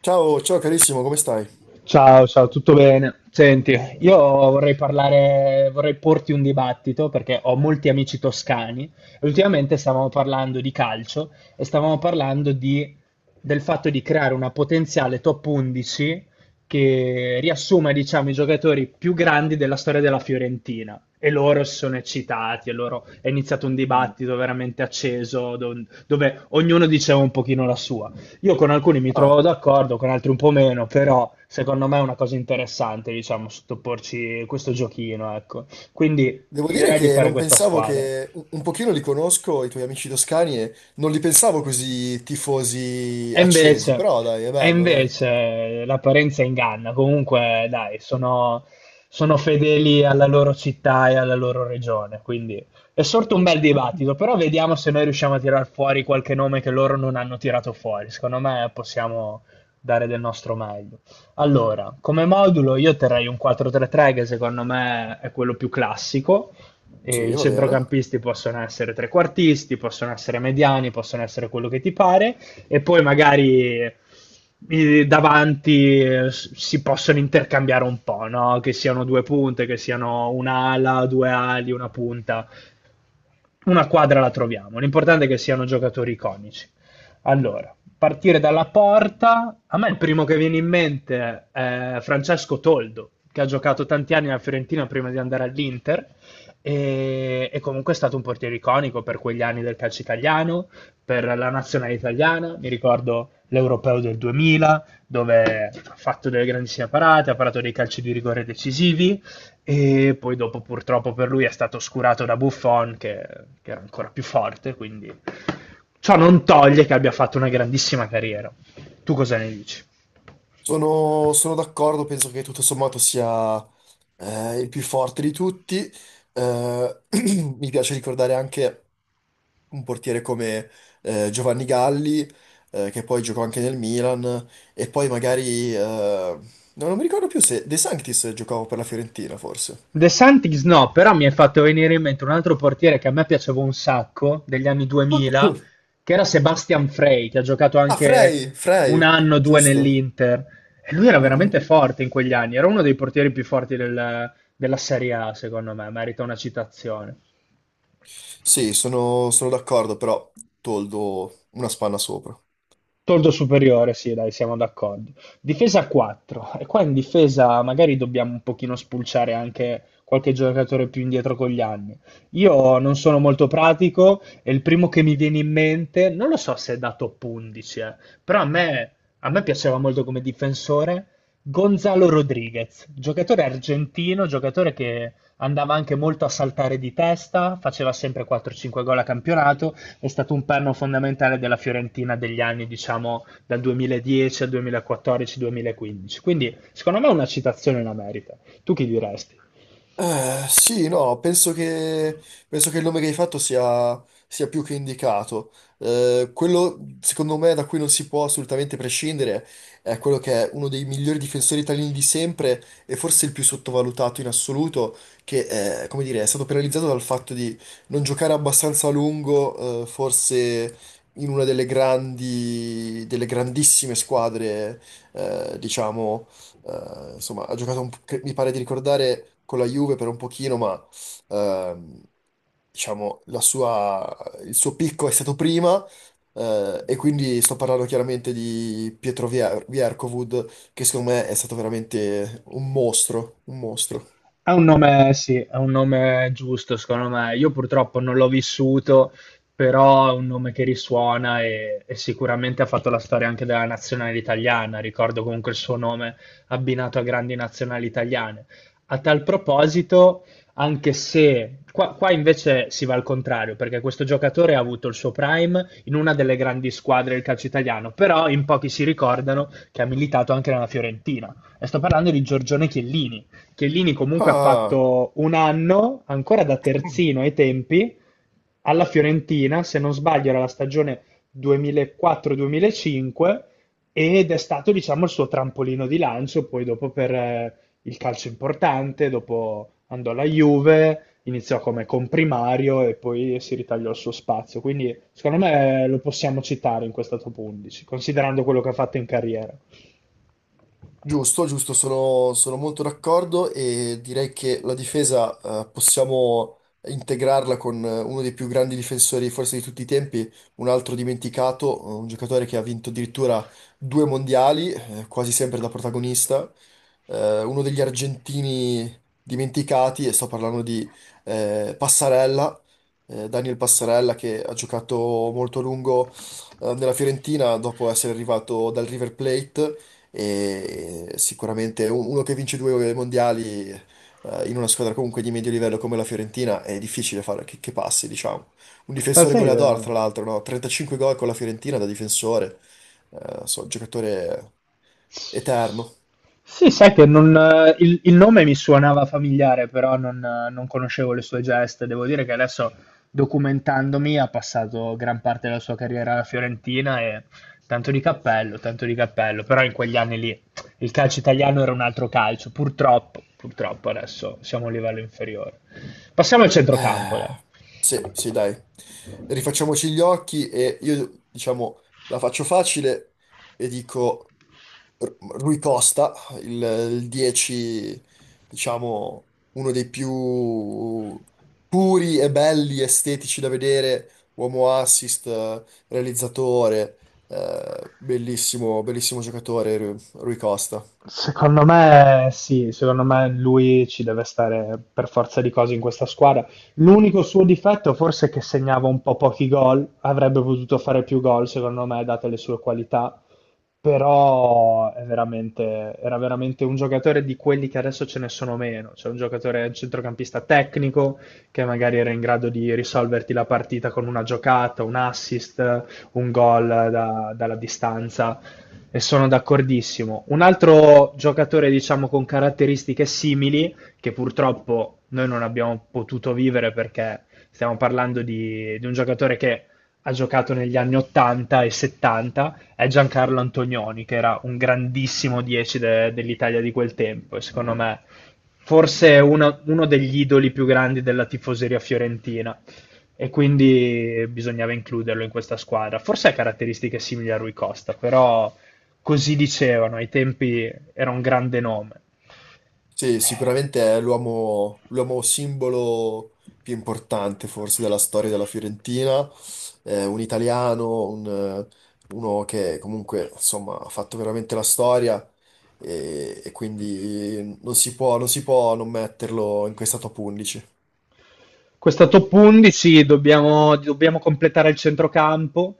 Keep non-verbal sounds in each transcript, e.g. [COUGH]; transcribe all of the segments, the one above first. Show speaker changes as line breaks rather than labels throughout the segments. Ciao, ciao carissimo, come stai?
Ciao, ciao, tutto bene? Senti, io vorrei porti un dibattito perché ho molti amici toscani e ultimamente stavamo parlando di calcio e stavamo parlando del fatto di creare una potenziale top 11 che riassuma, diciamo, i giocatori più grandi della storia della Fiorentina. E loro si sono eccitati, e loro è iniziato un
Mm.
dibattito veramente acceso dove ognuno diceva un pochino la sua. Io con alcuni mi trovo
Ah,
d'accordo, con altri un po' meno, però secondo me è una cosa interessante, diciamo, sottoporci questo giochino, ecco. Quindi
devo
ti
dire
direi di
che
fare
non
questa
pensavo
squadra.
che un pochino li conosco, i tuoi amici toscani, e non li pensavo così tifosi
E
accesi,
invece,
però dai, è bello, dai.
l'apparenza inganna. Comunque, dai, sono fedeli alla loro città e alla loro regione. Quindi è sorto un bel dibattito. Però vediamo se noi riusciamo a tirar fuori qualche nome che loro non hanno tirato fuori. Secondo me possiamo dare del nostro meglio. Allora, come modulo io terrei un 4-3-3 che secondo me è quello più classico. E
Sì,
i
va bene.
centrocampisti possono essere trequartisti, possono essere mediani, possono essere quello che ti pare e poi magari i davanti si possono intercambiare un po', no? Che siano due punte, che siano un'ala, due ali, una punta, una quadra la troviamo. L'importante è che siano giocatori iconici. Allora, partire dalla porta, a me il primo che viene in mente è Francesco Toldo, che ha giocato tanti anni alla Fiorentina prima di andare all'Inter. E comunque è stato un portiere iconico per quegli anni del calcio italiano, per la nazionale italiana. Mi ricordo l'Europeo del 2000, dove ha fatto delle grandissime parate, ha parato dei calci di rigore decisivi e poi dopo purtroppo per lui è stato oscurato da Buffon che era ancora più forte, quindi ciò non toglie che abbia fatto una grandissima carriera. Tu cosa ne dici?
Sono d'accordo, penso che tutto sommato sia il più forte di tutti. Eh, [CLEARS THROAT] mi piace ricordare anche un portiere come Giovanni Galli, che poi giocò anche nel Milan, e poi magari, no, non mi ricordo più se De Sanctis giocava per la Fiorentina, forse.
De Santis no, però mi è fatto venire in mente un altro portiere che a me piaceva un sacco, degli anni 2000, che era Sebastian Frey, che ha giocato
Ah,
anche
Frey,
un
Frey,
anno o due
giusto.
nell'Inter. E lui era
Mm,
veramente
mm.
forte in quegli anni, era uno dei portieri più forti della Serie A, secondo me, merita una citazione.
Sì, sono d'accordo, però Toldo una spanna sopra.
Tordo superiore, sì, dai, siamo d'accordo. Difesa a 4. E qua in difesa magari dobbiamo un pochino spulciare anche qualche giocatore più indietro con gli anni. Io non sono molto pratico e il primo che mi viene in mente, non lo so se è da top 11, però a me piaceva molto come difensore Gonzalo Rodriguez, giocatore argentino, giocatore che andava anche molto a saltare di testa, faceva sempre 4-5 gol a campionato. È stato un perno fondamentale della Fiorentina degli anni, diciamo, dal 2010 al 2014-2015. Quindi, secondo me, una citazione la merita. Tu chi diresti?
Sì, no, penso che il nome che hai fatto sia più che indicato. Quello, secondo me, da cui non si può assolutamente prescindere è quello che è uno dei migliori difensori italiani di sempre e forse il più sottovalutato in assoluto, che, come dire, è stato penalizzato dal fatto di non giocare abbastanza a lungo, forse in una delle delle grandissime squadre, diciamo. Insomma, ha giocato, mi pare di ricordare, con la Juve per un pochino, ma ehm, diciamo, il suo picco è stato prima, e quindi sto parlando chiaramente di Vierkovud, che secondo me è stato veramente un mostro, un mostro.
Ha un nome, sì, ha un nome giusto, secondo me. Io purtroppo non l'ho vissuto, però è un nome che risuona e sicuramente ha fatto la storia anche della nazionale italiana. Ricordo comunque il suo nome abbinato a grandi nazionali italiane. A tal proposito, anche se qua invece si va al contrario, perché questo giocatore ha avuto il suo prime in una delle grandi squadre del calcio italiano, però in pochi si ricordano che ha militato anche nella Fiorentina. E sto parlando di Giorgione Chiellini. Chiellini comunque ha
Ah!
fatto un anno, ancora da terzino ai tempi, alla Fiorentina, se non sbaglio era la stagione 2004-2005, ed è stato, diciamo, il suo trampolino di lancio, poi dopo per il calcio importante, dopo andò alla Juve, iniziò come comprimario e poi si ritagliò il suo spazio. Quindi, secondo me, lo possiamo citare in questa top 11, considerando quello che ha fatto in carriera.
Giusto, giusto, sono molto d'accordo e direi che la difesa possiamo integrarla con uno dei più grandi difensori forse di tutti i tempi, un altro dimenticato, un giocatore che ha vinto addirittura due mondiali, quasi sempre da protagonista, uno degli argentini dimenticati, e sto parlando di Passarella, Daniel Passarella che ha giocato molto a lungo nella Fiorentina dopo essere arrivato dal River Plate e sicuramente uno che vince due mondiali in una squadra comunque di medio livello come la Fiorentina è difficile fare che passi, diciamo. Un
Ma
difensore
sai,
goleador, tra l'altro, no? 35 gol con la Fiorentina da difensore, giocatore eterno.
sì, sai che non, il nome mi suonava familiare, però non conoscevo le sue geste. Devo dire che adesso, documentandomi, ha passato gran parte della sua carriera alla Fiorentina e tanto di cappello, tanto di cappello. Però in quegli anni lì il calcio italiano era un altro calcio, purtroppo, purtroppo adesso siamo a un livello inferiore. Passiamo al centrocampo, dai.
Eh, sì, sì, dai. Rifacciamoci gli occhi e io, diciamo, la faccio facile e dico... Rui Costa, il 10, diciamo, uno dei più puri e belli, estetici da vedere, uomo assist, realizzatore, bellissimo giocatore Rui Costa.
Secondo me sì, secondo me lui ci deve stare per forza di cose in questa squadra. L'unico suo difetto forse è che segnava un po' pochi gol, avrebbe potuto fare più gol secondo me, date le sue qualità, però è era veramente un giocatore di quelli che adesso ce ne sono meno, cioè un giocatore un centrocampista tecnico che magari era in grado di risolverti la partita con una giocata, un assist, un gol dalla distanza e sono d'accordissimo. Un altro giocatore, diciamo, con caratteristiche simili, che purtroppo noi non abbiamo potuto vivere perché stiamo parlando di un giocatore che ha giocato negli anni 80 e 70, è Giancarlo Antonioni, che era un grandissimo 10 dell'Italia di quel tempo. E secondo me, forse uno degli idoli più grandi della tifoseria fiorentina e quindi bisognava includerlo in questa squadra. Forse ha caratteristiche simili a Rui Costa, però così dicevano, ai tempi era un grande nome.
Sì, sicuramente è l'uomo simbolo più importante forse della storia della Fiorentina. Un italiano, uno che comunque insomma ha fatto veramente la storia e quindi non si può non metterlo in questa top 11.
Questa top 11 dobbiamo completare il centrocampo.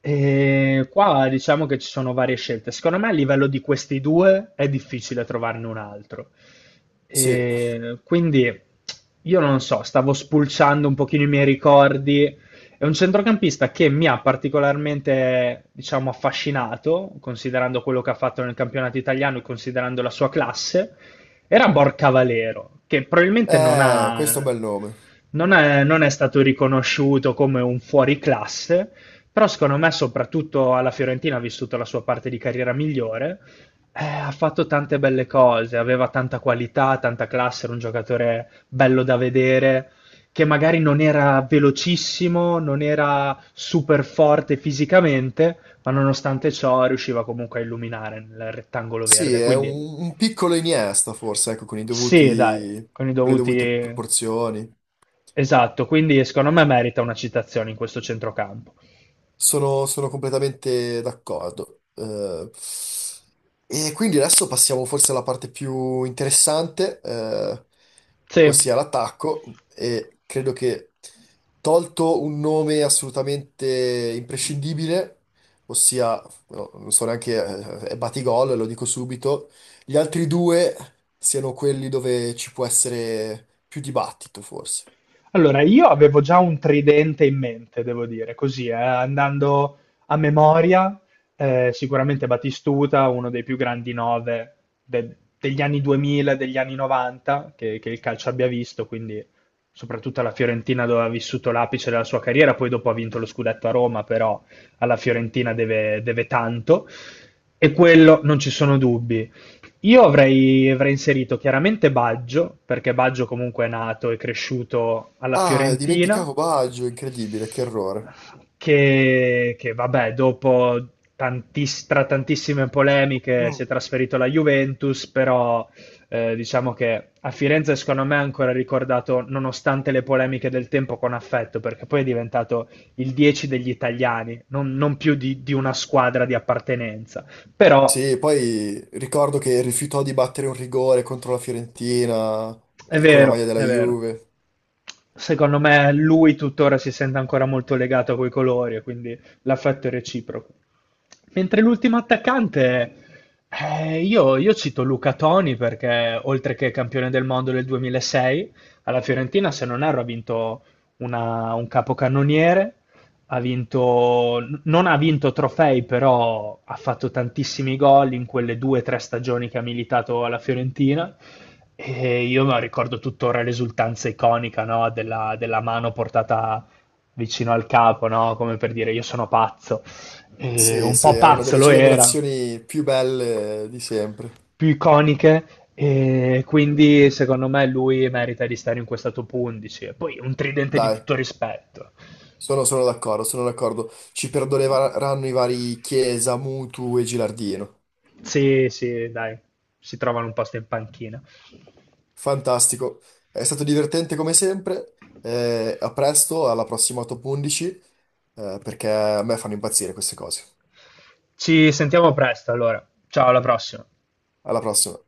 E qua diciamo che ci sono varie scelte. Secondo me a livello di questi due è difficile trovarne un altro.
Sì,
E quindi io non so, stavo spulciando un pochino i miei ricordi. È un centrocampista che mi ha particolarmente, diciamo, affascinato, considerando quello che ha fatto nel campionato italiano e considerando la sua classe. Era Borcavallero, che probabilmente non
questo è un
ha,
bel nome.
non è stato riconosciuto come un fuoriclasse, però secondo me soprattutto alla Fiorentina ha vissuto la sua parte di carriera migliore. Ha fatto tante belle cose, aveva tanta qualità, tanta classe, era un giocatore bello da vedere, che magari non era velocissimo, non era super forte fisicamente, ma nonostante ciò riusciva comunque a illuminare nel rettangolo
Sì,
verde.
è
Quindi
un piccolo Iniesta forse, ecco,
sì, dai, con i
con le dovute
dovuti.
proporzioni.
Esatto, quindi secondo me merita una citazione in questo centrocampo.
Sono completamente d'accordo. E quindi adesso passiamo forse alla parte più interessante,
Sì,
ossia l'attacco. E credo che tolto un nome assolutamente imprescindibile, ossia, no, non so neanche, è Batigol, lo dico subito, gli altri due siano quelli dove ci può essere più dibattito, forse.
allora, io avevo già un tridente in mente, devo dire, così, andando a memoria, sicuramente Batistuta, uno dei più grandi nove degli anni 2000, degli anni 90, che il calcio abbia visto, quindi soprattutto alla Fiorentina dove ha vissuto l'apice della sua carriera, poi dopo ha vinto lo scudetto a Roma, però alla Fiorentina deve tanto. E quello non ci sono dubbi. Io avrei inserito chiaramente Baggio, perché Baggio comunque è nato e cresciuto alla
Ah,
Fiorentina,
dimenticavo Baggio, incredibile, che errore.
che vabbè, dopo tra tantissime polemiche si è trasferito alla Juventus, però diciamo che a Firenze secondo me è ancora ricordato, nonostante le polemiche del tempo, con affetto, perché poi è diventato il 10 degli italiani, non più di una squadra di appartenenza. Però
Sì, poi ricordo che rifiutò di battere un rigore contro la Fiorentina
è
con la maglia
vero,
della
è vero.
Juve.
Secondo me lui tuttora si sente ancora molto legato a quei colori e quindi l'affetto è reciproco. Mentre l'ultimo attaccante, io cito Luca Toni perché oltre che campione del mondo del 2006, alla Fiorentina se non erro ha vinto un capocannoniere, ha vinto, non ha vinto trofei, però ha fatto tantissimi gol in quelle due o tre stagioni che ha militato alla Fiorentina. E io me lo ricordo tuttora l'esultanza iconica, no, della mano portata vicino al capo, no, come per dire io sono pazzo. E
Sì,
un
sì,
po'
è una
pazzo
delle
lo era,
celebrazioni più belle di sempre.
più iconiche. E quindi secondo me lui merita di stare in questa top 11. E poi un tridente di
Dai,
tutto rispetto.
sono d'accordo, sono d'accordo. Ci perdoneranno i vari Chiesa, Mutu e Gilardino.
Sì, sì, dai, si trovano un posto in panchina.
Fantastico, è stato divertente come sempre. A presto, alla prossima top 11, perché a me fanno impazzire queste cose.
Ci sentiamo presto allora. Ciao, alla prossima.
Alla prossima.